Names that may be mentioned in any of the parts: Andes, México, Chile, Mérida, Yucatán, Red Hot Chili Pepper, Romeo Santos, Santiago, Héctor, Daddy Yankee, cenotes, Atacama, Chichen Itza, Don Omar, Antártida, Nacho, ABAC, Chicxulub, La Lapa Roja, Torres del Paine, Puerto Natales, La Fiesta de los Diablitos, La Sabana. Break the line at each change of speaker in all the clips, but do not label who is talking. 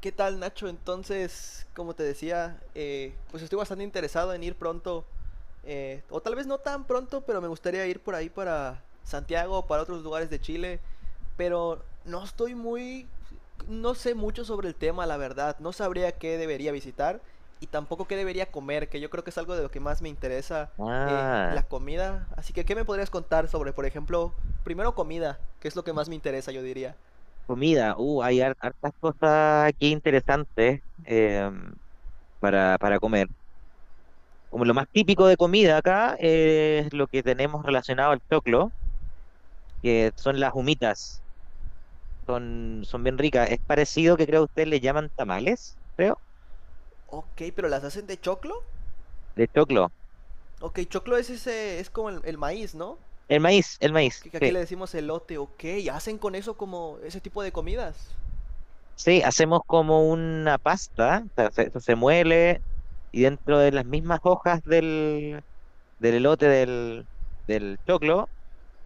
¿Qué tal, Nacho? Entonces, como te decía, pues estoy bastante interesado en ir pronto, o tal vez no tan pronto, pero me gustaría ir por ahí para Santiago, o para otros lugares de Chile, pero no sé mucho sobre el tema, la verdad, no sabría qué debería visitar y tampoco qué debería comer, que yo creo que es algo de lo que más me interesa,
Ah,
la comida. Así que ¿qué me podrías contar sobre, por ejemplo, primero comida, que es lo que más me interesa, yo diría?
comida. Hay hartas cosas aquí interesantes para comer. Como lo más típico de comida acá es lo que tenemos relacionado al choclo, que son las humitas. Son bien ricas. Es parecido que creo ustedes le llaman tamales, creo,
Ok, pero ¿las hacen de choclo?
de choclo.
Ok, choclo es ese, es como el maíz, ¿no?
El
Ok,
maíz,
que aquí
sí.
le decimos elote, ok. ¿Hacen con eso como ese tipo de comidas?
Sí, hacemos como una pasta, o sea, se muele y dentro de las mismas hojas del, elote del choclo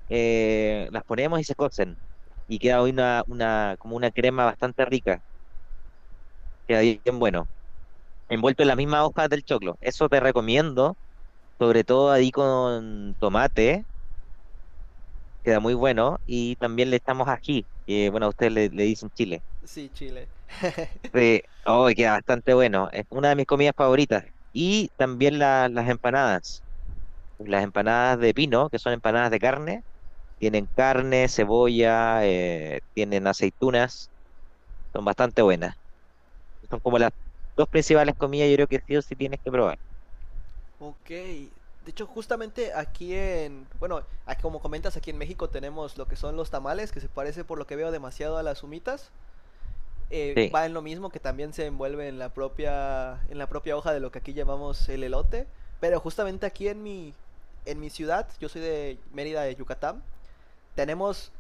las ponemos y se cocen. Y queda hoy como una crema bastante rica, queda bien bueno, envuelto en la misma hoja del choclo. Eso te recomiendo, sobre todo ahí con tomate, queda muy bueno. Y también le echamos ají, que bueno, a ustedes le dicen chile.
Sí, Chile.
Sí, oh, y queda bastante bueno, es una de mis comidas favoritas. Y también las empanadas de pino, que son empanadas de carne, tienen carne, cebolla, tienen aceitunas, son bastante buenas. Son como las dos principales comidas, yo creo que sí o sí tienes que probar.
Ok. De hecho, justamente aquí en, bueno, como comentas, aquí en México tenemos lo que son los tamales, que se parece por lo que veo demasiado a las humitas.
Sí.
Va en lo mismo, que también se envuelve en la propia hoja de lo que aquí llamamos el elote. Pero justamente aquí en en mi ciudad, yo soy de Mérida, de Yucatán. Tenemos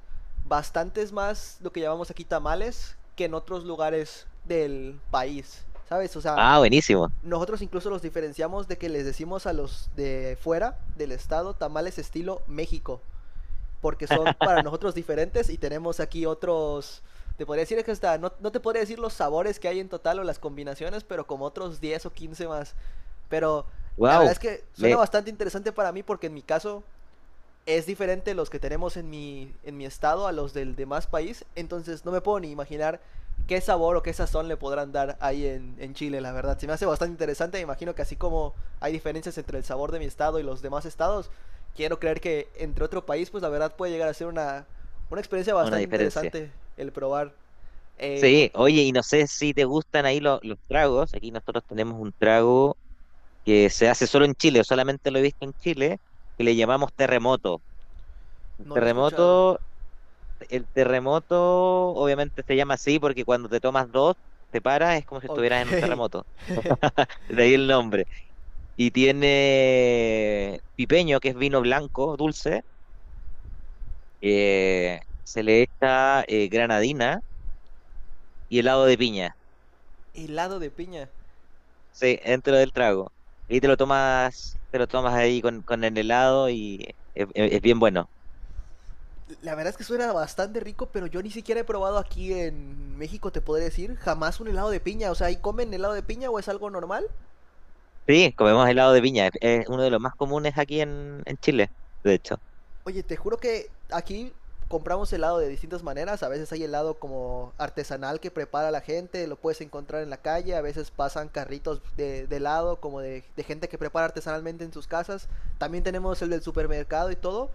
bastantes más lo que llamamos aquí tamales que en otros lugares del país, ¿sabes? O sea,
Ah, buenísimo.
nosotros incluso los diferenciamos de que les decimos a los de fuera del estado tamales estilo México, porque son para nosotros diferentes y tenemos aquí otros... Te podría decir que hasta, no, no te podría decir los sabores que hay en total o las combinaciones, pero como otros 10 o 15 más. Pero la verdad
Wow,
es que suena
ve
bastante interesante para mí, porque en mi caso es diferente los que tenemos en en mi estado a los del demás país. Entonces no me puedo ni imaginar qué sabor o qué sazón le podrán dar ahí en Chile, la verdad. Se me hace bastante interesante. Me imagino que, así como hay diferencias entre el sabor de mi estado y los demás estados, quiero creer que entre otro país, pues la verdad puede llegar a ser una experiencia
una
bastante
diferencia.
interesante el probar. Eh, un-
Sí, oye, y no sé si te gustan ahí los tragos. Aquí nosotros tenemos un trago que se hace solo en Chile, o solamente lo he visto en Chile, que le llamamos terremoto. El
No lo he escuchado.
terremoto, el terremoto obviamente se llama así porque cuando te tomas dos, te paras, es como si estuvieras en un
Ok.
terremoto. De ahí el nombre. Y tiene pipeño, que es vino blanco, dulce se le echa granadina y helado de piña,
Helado de piña.
sí, dentro del trago. Y te
Ok.
lo tomas, te lo tomas ahí con, el helado y es bien bueno.
La verdad es que suena bastante rico, pero yo ni siquiera he probado aquí en México, te podré decir, jamás un helado de piña. O sea, ¿ahí comen helado de piña o es algo normal?
Sí, comemos helado de piña, es uno de los más comunes aquí en, Chile, de hecho.
Oye, te juro que aquí compramos helado de distintas maneras. A veces hay helado como artesanal que prepara la gente, lo puedes encontrar en la calle. A veces pasan carritos de helado, como de gente que prepara artesanalmente en sus casas. También tenemos el del supermercado y todo,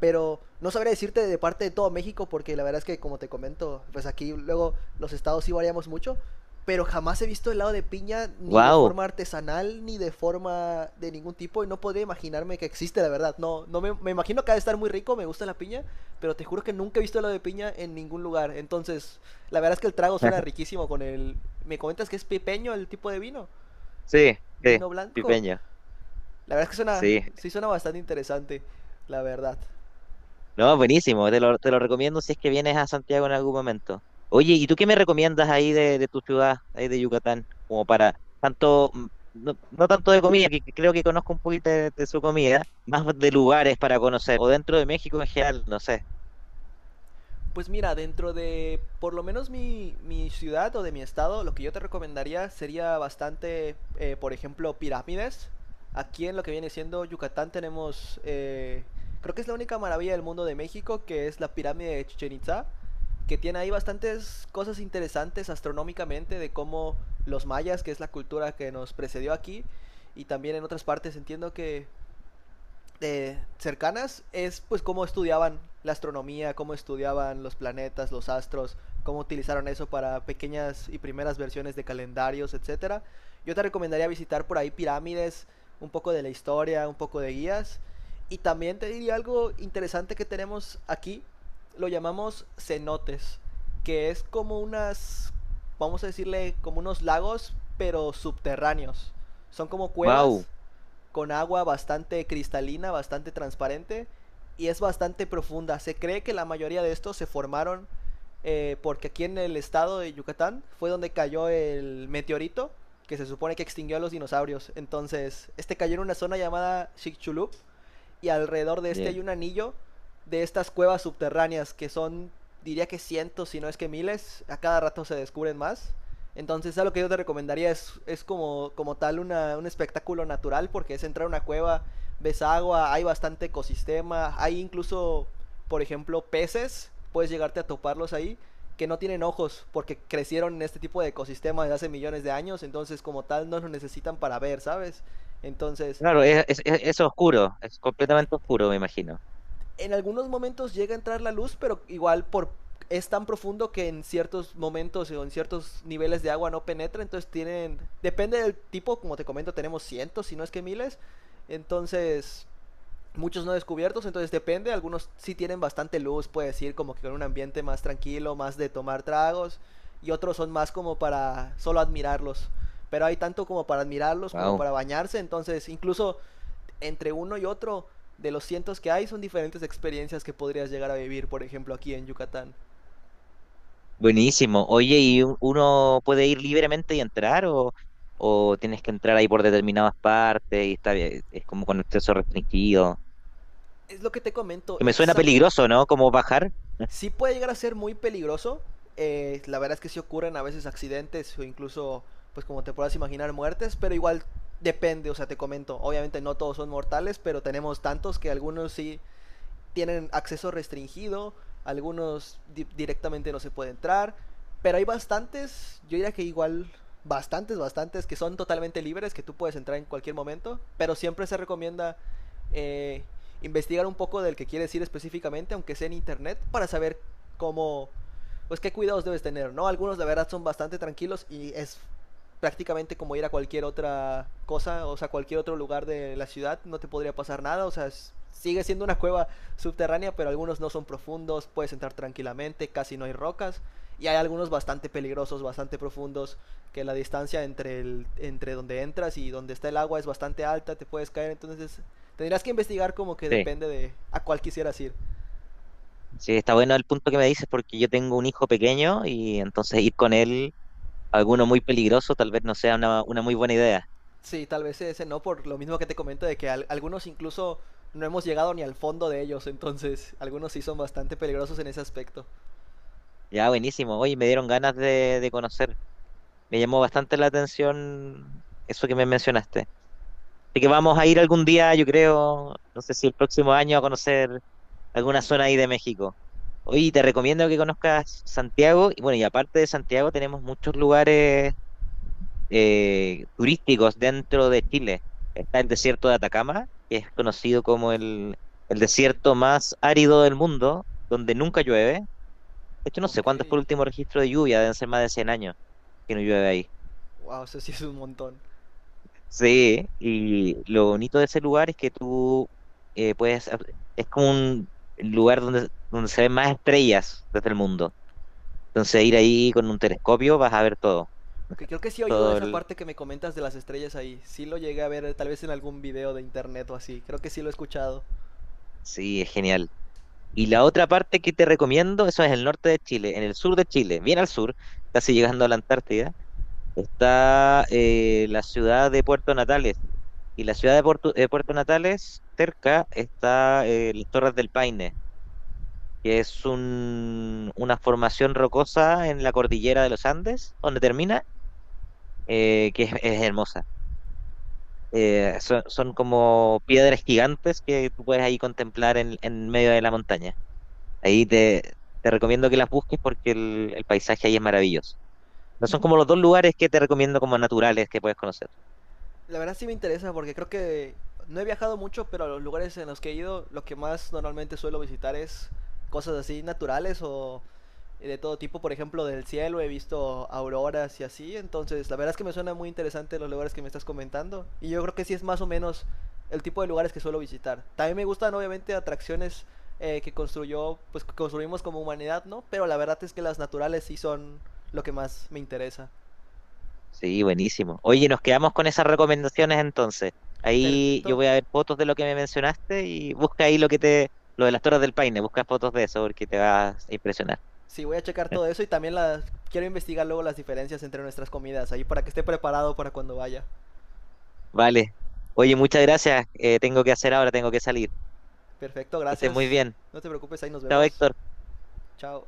pero no sabría decirte de parte de todo México, porque la verdad es que, como te comento, pues aquí luego los estados sí variamos mucho, pero jamás he visto helado de piña ni de
¡Wow!
forma artesanal ni de forma de ningún tipo, y no podría imaginarme que existe, la verdad. No, me imagino que ha de estar muy rico, me gusta la piña, pero te juro que nunca he visto helado de piña en ningún lugar. Entonces, la verdad es que el trago suena riquísimo con el... ¿Me comentas que es pipeño el tipo de vino?
Sí, sí,
¿Vino blanco?
pipeño,
La verdad es que suena,
sí.
sí suena bastante interesante, la verdad.
No, buenísimo, te lo recomiendo si es que vienes a Santiago en algún momento. Oye, ¿y tú qué me recomiendas ahí de, tu ciudad, ahí de Yucatán? Como para tanto, no, no tanto de comida, que creo que conozco un poquito de, su comida, más de lugares para conocer, o dentro de México en general, no sé.
Pues mira, dentro de por lo menos mi ciudad o de mi estado, lo que yo te recomendaría sería bastante, por ejemplo, pirámides. Aquí en lo que viene siendo Yucatán tenemos, creo que es la única maravilla del mundo de México, que es la pirámide de Chichen Itza, que tiene ahí bastantes cosas interesantes astronómicamente de cómo los mayas, que es la cultura que nos precedió aquí, y también en otras partes entiendo que cercanas, es pues cómo estudiaban la astronomía, cómo estudiaban los planetas, los astros, cómo utilizaron eso para pequeñas y primeras versiones de calendarios, etcétera. Yo te recomendaría visitar por ahí pirámides, un poco de la historia, un poco de guías. Y también te diría algo interesante que tenemos aquí, lo llamamos cenotes, que es como unas, vamos a decirle, como unos lagos, pero subterráneos. Son como cuevas
Wow.
con agua bastante cristalina, bastante transparente, y es bastante profunda. Se cree que la mayoría de estos se formaron porque aquí en el estado de Yucatán fue donde cayó el meteorito que se supone que extinguió a los dinosaurios. Entonces, este cayó en una zona llamada Chicxulub, y alrededor de este hay un anillo de estas cuevas subterráneas que son, diría que cientos, si no es que miles, a cada rato se descubren más. Entonces, a lo que yo te recomendaría es como, como tal un espectáculo natural, porque es entrar a una cueva, ves agua, hay bastante ecosistema, hay incluso, por ejemplo, peces, puedes llegarte a toparlos ahí, que no tienen ojos, porque crecieron en este tipo de ecosistema desde hace millones de años, entonces como tal no lo necesitan para ver, ¿sabes? Entonces,
Claro, es oscuro, es completamente oscuro, me imagino.
en algunos momentos llega a entrar la luz, pero igual por es tan profundo que en ciertos momentos o en ciertos niveles de agua no penetra, entonces tienen depende del tipo, como te comento, tenemos cientos, si no es que miles. Entonces, muchos no descubiertos, entonces depende, algunos sí tienen bastante luz, puedes ir como que con un ambiente más tranquilo, más de tomar tragos, y otros son más como para solo admirarlos. Pero hay tanto como para admirarlos como para bañarse, entonces incluso entre uno y otro de los cientos que hay son diferentes experiencias que podrías llegar a vivir, por ejemplo, aquí en Yucatán.
Buenísimo. Oye, ¿y uno puede ir libremente y entrar o tienes que entrar ahí por determinadas partes y está bien, es como con acceso restringido?
Es lo que te comento,
Que me suena
exacto.
peligroso, ¿no? Como bajar.
Sí puede llegar a ser muy peligroso. La verdad es que sí ocurren a veces accidentes o incluso, pues como te puedas imaginar, muertes, pero igual depende, o sea, te comento. Obviamente no todos son mortales, pero tenemos tantos que algunos sí tienen acceso restringido, algunos directamente no se puede entrar, pero hay bastantes, yo diría que igual bastantes que son totalmente libres, que tú puedes entrar en cualquier momento, pero siempre se recomienda eh, investigar un poco del que quieres ir específicamente, aunque sea en internet, para saber cómo, pues qué cuidados debes tener, ¿no? Algunos la verdad son bastante tranquilos y es prácticamente como ir a cualquier otra cosa, o sea, cualquier otro lugar de la ciudad, no te podría pasar nada, o sea, sigue siendo una cueva subterránea, pero algunos no son profundos, puedes entrar tranquilamente, casi no hay rocas. Y hay algunos bastante peligrosos, bastante profundos, que la distancia entre, el, entre donde entras y donde está el agua es bastante alta, te puedes caer, entonces tendrás que investigar como que
Sí.
depende de a cuál quisieras ir.
Sí, está bueno el punto que me dices porque yo tengo un hijo pequeño y entonces ir con él a alguno muy peligroso tal vez no sea una muy buena idea.
Sí, tal vez ese no, por lo mismo que te comento de que algunos incluso no hemos llegado ni al fondo de ellos, entonces algunos sí son bastante peligrosos en ese aspecto.
Ya, buenísimo. Oye, me dieron ganas de, conocer. Me llamó bastante la atención eso que me mencionaste. Así que vamos a ir algún día, yo creo, no sé si el próximo año a conocer alguna zona ahí de México. Oye, te recomiendo que conozcas Santiago. Y bueno, y aparte de Santiago, tenemos muchos lugares turísticos dentro de Chile. Está el desierto de Atacama, que es conocido como el
Ok,
desierto más árido del mundo, donde nunca llueve. De hecho, no sé
ok.
cuándo fue el último registro de lluvia, deben ser más de 100 años que no llueve ahí.
Wow, eso sí es un montón.
Sí, y lo bonito de ese lugar es que tú puedes. Es como un lugar donde se ven más estrellas desde el mundo. Entonces ir ahí con un telescopio vas a ver todo,
Que creo que sí he oído de
todo
esa
el...
parte que me comentas de las estrellas ahí. Sí lo llegué a ver, tal vez en algún video de internet o así. Creo que sí lo he escuchado.
Sí, es genial. Y la otra parte que te recomiendo, eso es el norte de Chile, en el sur de Chile, bien al sur, casi llegando a la Antártida, está la ciudad de Puerto Natales. Y la ciudad de Puerto Natales, cerca, está las Torres del Paine, que es una formación rocosa en la cordillera de los Andes, donde termina, que es hermosa. Son como piedras gigantes que tú puedes ahí contemplar en, medio de la montaña. Ahí te recomiendo que las busques porque el paisaje ahí es maravilloso. No son como los dos lugares que te recomiendo como naturales que puedes conocer.
La verdad sí me interesa porque creo que no he viajado mucho, pero a los lugares en los que he ido, lo que más normalmente suelo visitar es cosas así naturales o de todo tipo, por ejemplo, del cielo, he visto auroras y así, entonces la verdad es que me suena muy interesante los lugares que me estás comentando y yo creo que sí es más o menos el tipo de lugares que suelo visitar. También me gustan obviamente atracciones, que construyó, pues que construimos como humanidad, ¿no? Pero la verdad es que las naturales sí son lo que más me interesa.
Sí, buenísimo. Oye, nos quedamos con esas recomendaciones entonces. Ahí yo
Perfecto.
voy a ver fotos de lo que me mencionaste y busca ahí lo de las Torres del Paine, busca fotos de eso porque te vas a impresionar.
Sí, voy a checar todo eso, y también las quiero investigar luego las diferencias entre nuestras comidas ahí para que esté preparado para cuando vaya.
Vale. Oye, muchas gracias. Tengo que hacer ahora, tengo que salir.
Perfecto,
Que estés muy
gracias.
bien.
No te preocupes, ahí nos
Chao,
vemos.
Héctor.
Chao.